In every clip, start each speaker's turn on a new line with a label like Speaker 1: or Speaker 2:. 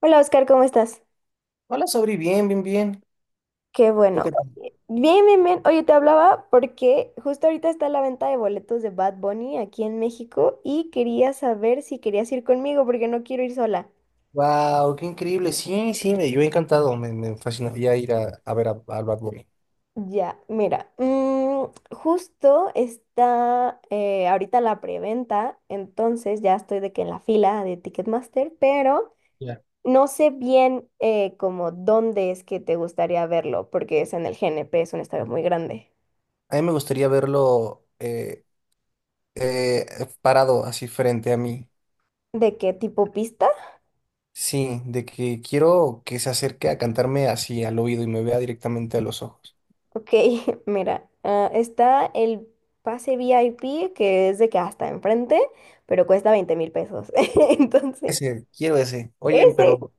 Speaker 1: Hola Oscar, ¿cómo estás?
Speaker 2: Hola, Sobri, bien, bien, bien.
Speaker 1: Qué
Speaker 2: ¿Tú
Speaker 1: bueno.
Speaker 2: qué tal?
Speaker 1: Bien, bien, bien. Oye, te hablaba porque justo ahorita está la venta de boletos de Bad Bunny aquí en México y quería saber si querías ir conmigo porque no quiero ir sola.
Speaker 2: Wow, qué increíble. Sí, sí, yo he encantado. Me fascinaría ir a ver al Bad Bunny.
Speaker 1: Ya, mira, justo está ahorita la preventa, entonces ya estoy de que en la fila de Ticketmaster, pero
Speaker 2: Ya.
Speaker 1: no sé bien como dónde es que te gustaría verlo porque es en el GNP, es un estadio muy grande.
Speaker 2: A mí me gustaría verlo eh, parado así frente a mí.
Speaker 1: ¿De qué tipo pista?
Speaker 2: Sí, de que quiero que se acerque a cantarme así al oído y me vea directamente a los ojos.
Speaker 1: Ok, mira, está el pase VIP, que es de que hasta enfrente, pero cuesta $20,000. Entonces,
Speaker 2: Ese, quiero ese. Oye,
Speaker 1: ese,
Speaker 2: pero,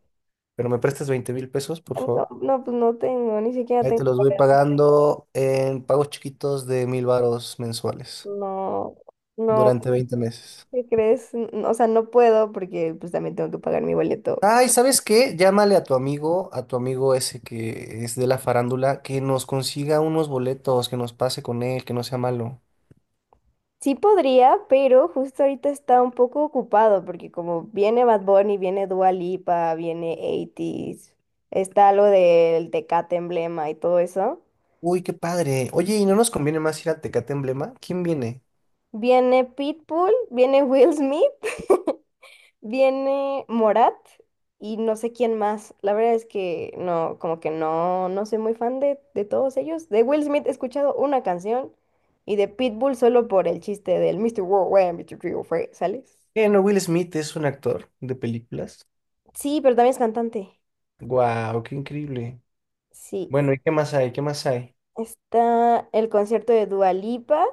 Speaker 2: me prestas 20,000 pesos, por
Speaker 1: no,
Speaker 2: favor.
Speaker 1: no, pues no tengo, ni siquiera
Speaker 2: Ahí
Speaker 1: tengo,
Speaker 2: te los voy pagando en pagos chiquitos de 1,000 varos mensuales
Speaker 1: no, no,
Speaker 2: durante 20 meses.
Speaker 1: ¿qué crees? O sea, no puedo porque pues también tengo que pagar mi boleto.
Speaker 2: Ay, ¿sabes qué? Llámale a tu amigo ese que es de la farándula, que nos consiga unos boletos, que nos pase con él, que no sea malo.
Speaker 1: Sí podría, pero justo ahorita está un poco ocupado porque como viene Bad Bunny, viene Dua Lipa, viene 80 está lo del Tecate Emblema y todo eso.
Speaker 2: Uy, qué padre. Oye, ¿y no nos conviene más ir a Tecate Emblema? ¿Quién viene?
Speaker 1: Viene Pitbull, viene Will Smith, viene Morat y no sé quién más. La verdad es que no, como que no, no soy muy fan de todos ellos. De Will Smith he escuchado una canción y de Pitbull solo por el chiste del Mister Worldwide, Mr. Worldwide, ¿sales?
Speaker 2: No, Will Smith es un actor de películas.
Speaker 1: Sí, pero también es cantante.
Speaker 2: Guau, qué increíble.
Speaker 1: Sí.
Speaker 2: Bueno, ¿y qué más hay? ¿Qué más hay?
Speaker 1: Está el concierto de Dua Lipa,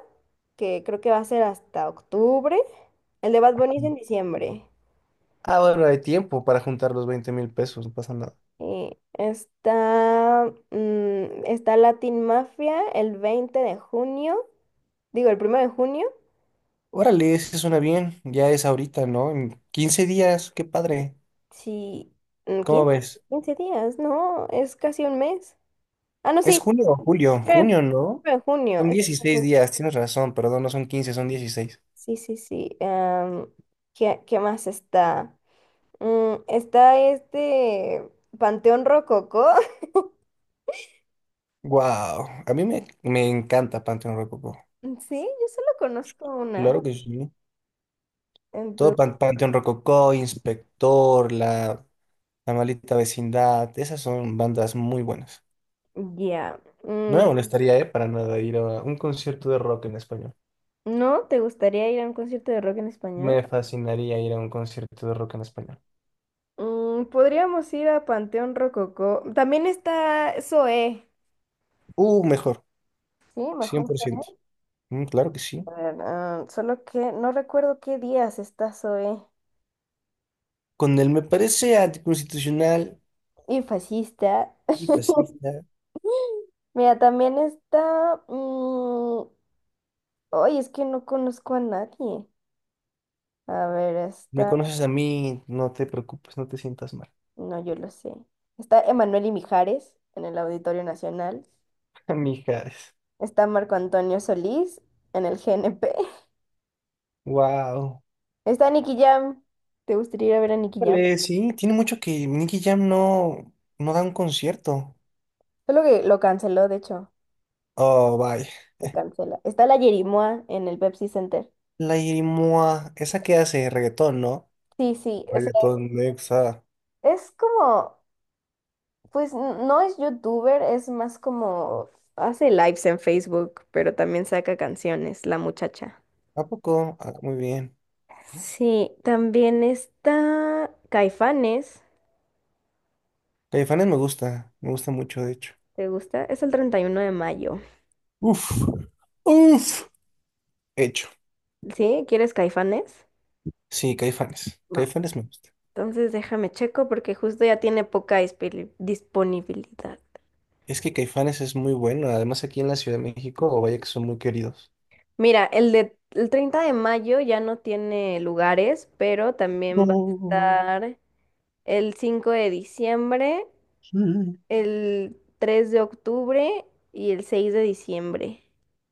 Speaker 1: que creo que va a ser hasta octubre. El de Bad Bunny es en diciembre.
Speaker 2: Ah, bueno, hay tiempo para juntar los 20,000 pesos, no pasa nada.
Speaker 1: Y está, está Latin Mafia el 20 de junio, digo el 1.º de junio,
Speaker 2: Órale, eso suena bien. Ya es ahorita, ¿no? En 15 días, qué padre.
Speaker 1: sí, mm,
Speaker 2: ¿Cómo
Speaker 1: 15
Speaker 2: ves?
Speaker 1: 15 días, no, es casi un mes. Ah, no,
Speaker 2: ¿Es
Speaker 1: sí,
Speaker 2: junio o julio,
Speaker 1: 9
Speaker 2: junio, ¿no?
Speaker 1: de junio.
Speaker 2: Son
Speaker 1: Es 9 de
Speaker 2: 16
Speaker 1: junio.
Speaker 2: días, tienes razón, perdón, no son 15, son dieciséis.
Speaker 1: Sí, sí, sí. ¿Qué, qué más está? Está este Panteón Rococó.
Speaker 2: Wow, a mí me encanta Panteón Rococó.
Speaker 1: Sí, yo solo conozco una.
Speaker 2: Claro que sí. Todo
Speaker 1: Entonces,
Speaker 2: Panteón Rococó, Inspector, la Maldita Vecindad, esas son bandas muy buenas.
Speaker 1: ya.
Speaker 2: No me molestaría, para nada ir a un concierto de rock en español.
Speaker 1: ¿No te gustaría ir a un concierto de rock en español?
Speaker 2: Me fascinaría ir a un concierto de rock en español.
Speaker 1: Mm, podríamos ir a Panteón Rococó. También está Zoé.
Speaker 2: Mejor,
Speaker 1: Sí, mejor.
Speaker 2: 100%. Claro que sí.
Speaker 1: para- ah, solo que no recuerdo qué días está Zoé.
Speaker 2: Con él me parece anticonstitucional
Speaker 1: Y fascista.
Speaker 2: y fascista.
Speaker 1: Mira, también está... Ay, es que no conozco a nadie. A ver,
Speaker 2: Me
Speaker 1: está...
Speaker 2: conoces a mí, no te preocupes, no te sientas mal.
Speaker 1: No, yo lo sé. Está Emanuel y Mijares en el Auditorio Nacional.
Speaker 2: Amigas,
Speaker 1: Está Marco Antonio Solís en el GNP.
Speaker 2: wow.
Speaker 1: Está Nicky Jam. ¿Te gustaría ir a ver a Nicky Jam?
Speaker 2: Vale, sí, tiene mucho que Nicky Jam no da un concierto.
Speaker 1: Solo que lo canceló, de hecho,
Speaker 2: Oh, vaya.
Speaker 1: se cancela. Está la Yerimoa en el Pepsi Center.
Speaker 2: La Irimoa, esa que hace reggaetón, ¿no?
Speaker 1: Sí, sí, o sea,
Speaker 2: Reggaetón Nexa.
Speaker 1: es como, pues no es youtuber, es más como hace lives en Facebook, pero también saca canciones, la muchacha.
Speaker 2: ¿A poco? Ah, muy bien.
Speaker 1: Sí, también está Caifanes.
Speaker 2: Caifanes me gusta mucho, de hecho.
Speaker 1: ¿Te gusta? Es el 31 de mayo.
Speaker 2: Uf, uf. Hecho.
Speaker 1: ¿Sí? ¿Quieres Caifanes?
Speaker 2: Sí, Caifanes.
Speaker 1: Va.
Speaker 2: Caifanes me gusta.
Speaker 1: Entonces déjame checo porque justo ya tiene disponibilidad.
Speaker 2: Es que Caifanes es muy bueno, además aquí en la Ciudad de México, o vaya que son muy queridos.
Speaker 1: Mira, el de el 30 de mayo ya no tiene lugares, pero también va a
Speaker 2: No,
Speaker 1: estar el 5 de diciembre,
Speaker 2: sí.
Speaker 1: el 3 de octubre y el 6 de diciembre.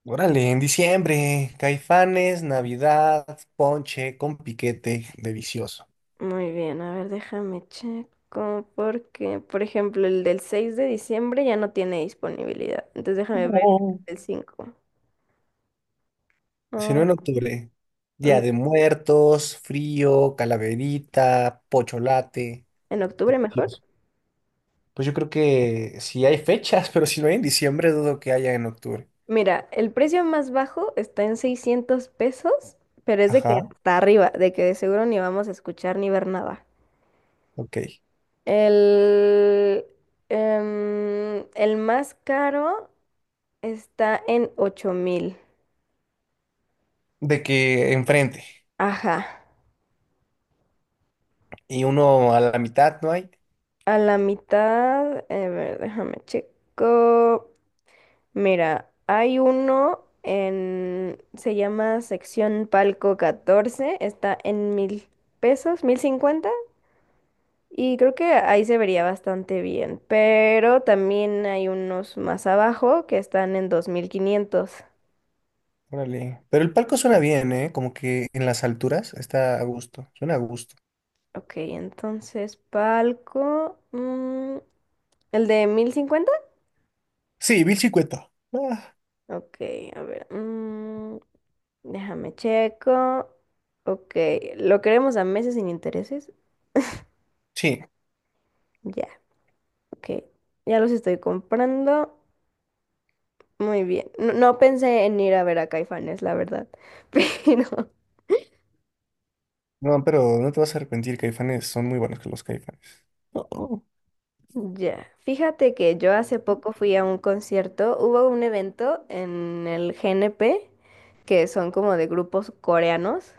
Speaker 2: Órale, en diciembre, Caifanes, Navidad, ponche con piquete delicioso.
Speaker 1: Muy bien, a ver, déjame checo porque, por ejemplo, el del 6 de diciembre ya no tiene disponibilidad. Entonces déjame ver
Speaker 2: No.
Speaker 1: el 5.
Speaker 2: Si no
Speaker 1: Ah,
Speaker 2: en octubre,
Speaker 1: mm,
Speaker 2: Día de Muertos, frío, calaverita, pocholate.
Speaker 1: en octubre mejor.
Speaker 2: Dios. Pues yo creo que si hay fechas, pero si no hay en diciembre, dudo que haya en octubre.
Speaker 1: Mira, el precio más bajo está en 600 pesos, pero es de que
Speaker 2: Ajá,
Speaker 1: hasta arriba, de que de seguro ni vamos a escuchar ni ver nada.
Speaker 2: ok.
Speaker 1: El, el más caro está en 8000.
Speaker 2: De que enfrente.
Speaker 1: Ajá.
Speaker 2: Y uno a la mitad no hay.
Speaker 1: A la mitad, a ver, déjame checo. Mira, hay uno en, se llama sección Palco 14. Está en 1000 pesos, 1050. Y creo que ahí se vería bastante bien, pero también hay unos más abajo que están en 2500.
Speaker 2: Órale. Pero el palco suena bien, ¿eh? Como que en las alturas está a gusto. Suena a gusto.
Speaker 1: Ok, entonces palco. ¿El de 1050?
Speaker 2: Sí, 1,050. Ah.
Speaker 1: Ok, a ver. Déjame checo. Ok, ¿lo queremos a meses sin intereses?
Speaker 2: Sí,
Speaker 1: Ya, ok. Ya los estoy comprando. Muy bien. No, no pensé en ir a ver a Caifanes, la verdad. Pero
Speaker 2: no, pero no te vas a arrepentir, Caifanes, son muy buenos que los Caifanes. Oh, oh.
Speaker 1: ya, fíjate que yo hace poco fui a un concierto, hubo un evento en el GNP, que son como de grupos coreanos,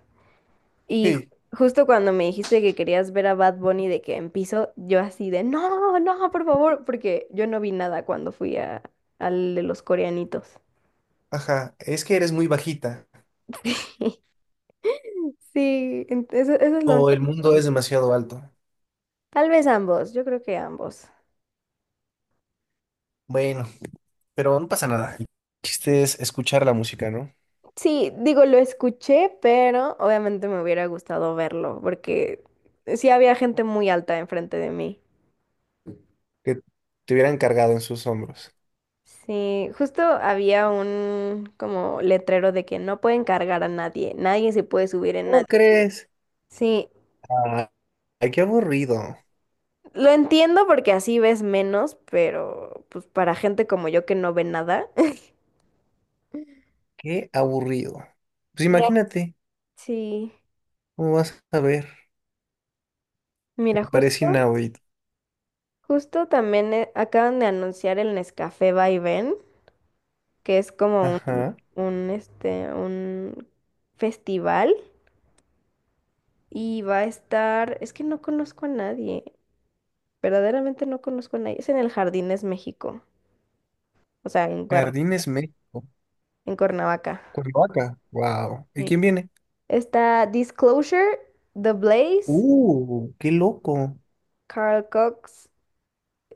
Speaker 1: y
Speaker 2: Sí,
Speaker 1: justo cuando me dijiste que querías ver a Bad Bunny de que en piso, yo así de, no, no, por favor, porque yo no vi nada cuando fui al de los coreanitos.
Speaker 2: ajá, es que eres muy bajita
Speaker 1: Sí, eso, eso es lo único.
Speaker 2: o el mundo es demasiado alto.
Speaker 1: Tal vez ambos, yo creo que ambos.
Speaker 2: Bueno, pero no pasa nada. El chiste es escuchar la música, ¿no?
Speaker 1: Sí, digo, lo escuché, pero obviamente me hubiera gustado verlo, porque sí había gente muy alta enfrente de mí.
Speaker 2: Que te hubieran cargado en sus hombros.
Speaker 1: Sí, justo había un como letrero de que no pueden cargar a nadie, nadie se puede subir en
Speaker 2: ¿Cómo
Speaker 1: nadie.
Speaker 2: crees?
Speaker 1: Sí,
Speaker 2: Ah, qué aburrido,
Speaker 1: lo entiendo porque así ves menos, pero pues para gente como yo que no ve nada.
Speaker 2: qué aburrido. Pues
Speaker 1: Mira,
Speaker 2: imagínate,
Speaker 1: sí,
Speaker 2: ¿cómo vas a ver?
Speaker 1: mira,
Speaker 2: Me parece
Speaker 1: justo,
Speaker 2: inaudito.
Speaker 1: justo también acaban de anunciar el Nescafé Vaivén, que es como
Speaker 2: Ajá.
Speaker 1: un festival y va a estar, es que no conozco a nadie, verdaderamente no conozco a nadie, es en el Jardines México, o sea,
Speaker 2: Jardines México,
Speaker 1: en Cuernavaca.
Speaker 2: Cuernavaca, wow. ¿Y
Speaker 1: Sí.
Speaker 2: quién viene?
Speaker 1: Está Disclosure, The Blaze,
Speaker 2: Qué loco.
Speaker 1: Carl Cox,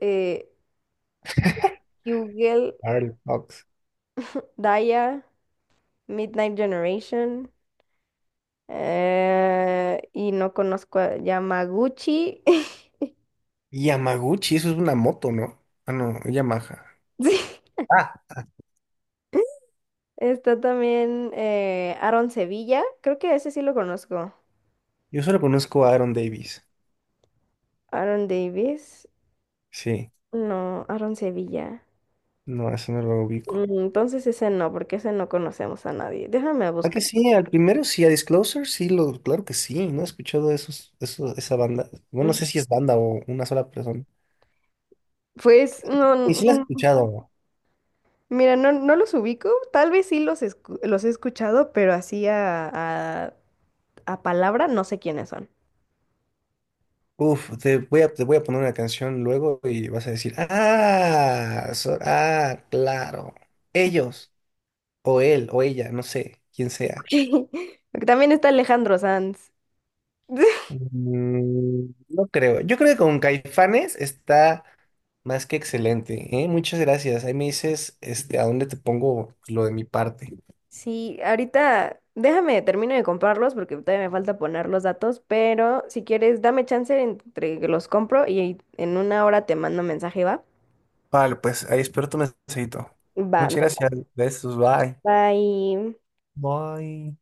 Speaker 1: eh, Hu- Hugel,
Speaker 2: Carl Cox.
Speaker 1: Daya, Midnight Generation. Y no conozco a Yamaguchi.
Speaker 2: Yamaguchi, ¿eso es una moto, ¿no? Ah, no, Yamaha.
Speaker 1: Sí.
Speaker 2: Ah,
Speaker 1: Está también Aaron Sevilla. Creo que ese sí lo conozco.
Speaker 2: yo solo conozco a Aaron Davis.
Speaker 1: Aaron Davis.
Speaker 2: Sí,
Speaker 1: No, Aaron Sevilla.
Speaker 2: no, eso no lo ubico.
Speaker 1: Entonces ese no, porque ese no conocemos a nadie. Déjame
Speaker 2: Ah, que
Speaker 1: buscar.
Speaker 2: sí, al primero sí, a Disclosure, sí, claro que sí, no he escuchado esos, eso, esa banda. Bueno, no
Speaker 1: Mm,
Speaker 2: sé si es banda o una sola persona.
Speaker 1: Pues no, n-
Speaker 2: Y sí la has
Speaker 1: mm,
Speaker 2: escuchado.
Speaker 1: mira, no, no los ubico. Tal vez sí los, los he escuchado, pero así a palabra no sé quiénes son.
Speaker 2: Uf, te voy a poner una canción luego y vas a decir, ah, ah, claro, ellos, o él, o ella, no sé, quién sea.
Speaker 1: Porque también está Alejandro Sanz.
Speaker 2: No creo. Yo creo que con Caifanes está más que excelente, ¿eh? Muchas gracias. Ahí me dices, este, a dónde te pongo lo de mi parte.
Speaker 1: Sí, ahorita déjame, termino de comprarlos porque todavía me falta poner los datos, pero si quieres, dame chance entre que los compro y en 1 hora te mando mensaje, ¿va?
Speaker 2: Vale, pues ahí espero tu mensajito.
Speaker 1: Va,
Speaker 2: Muchas
Speaker 1: me
Speaker 2: gracias. Besos, bye.
Speaker 1: bye.
Speaker 2: Bye.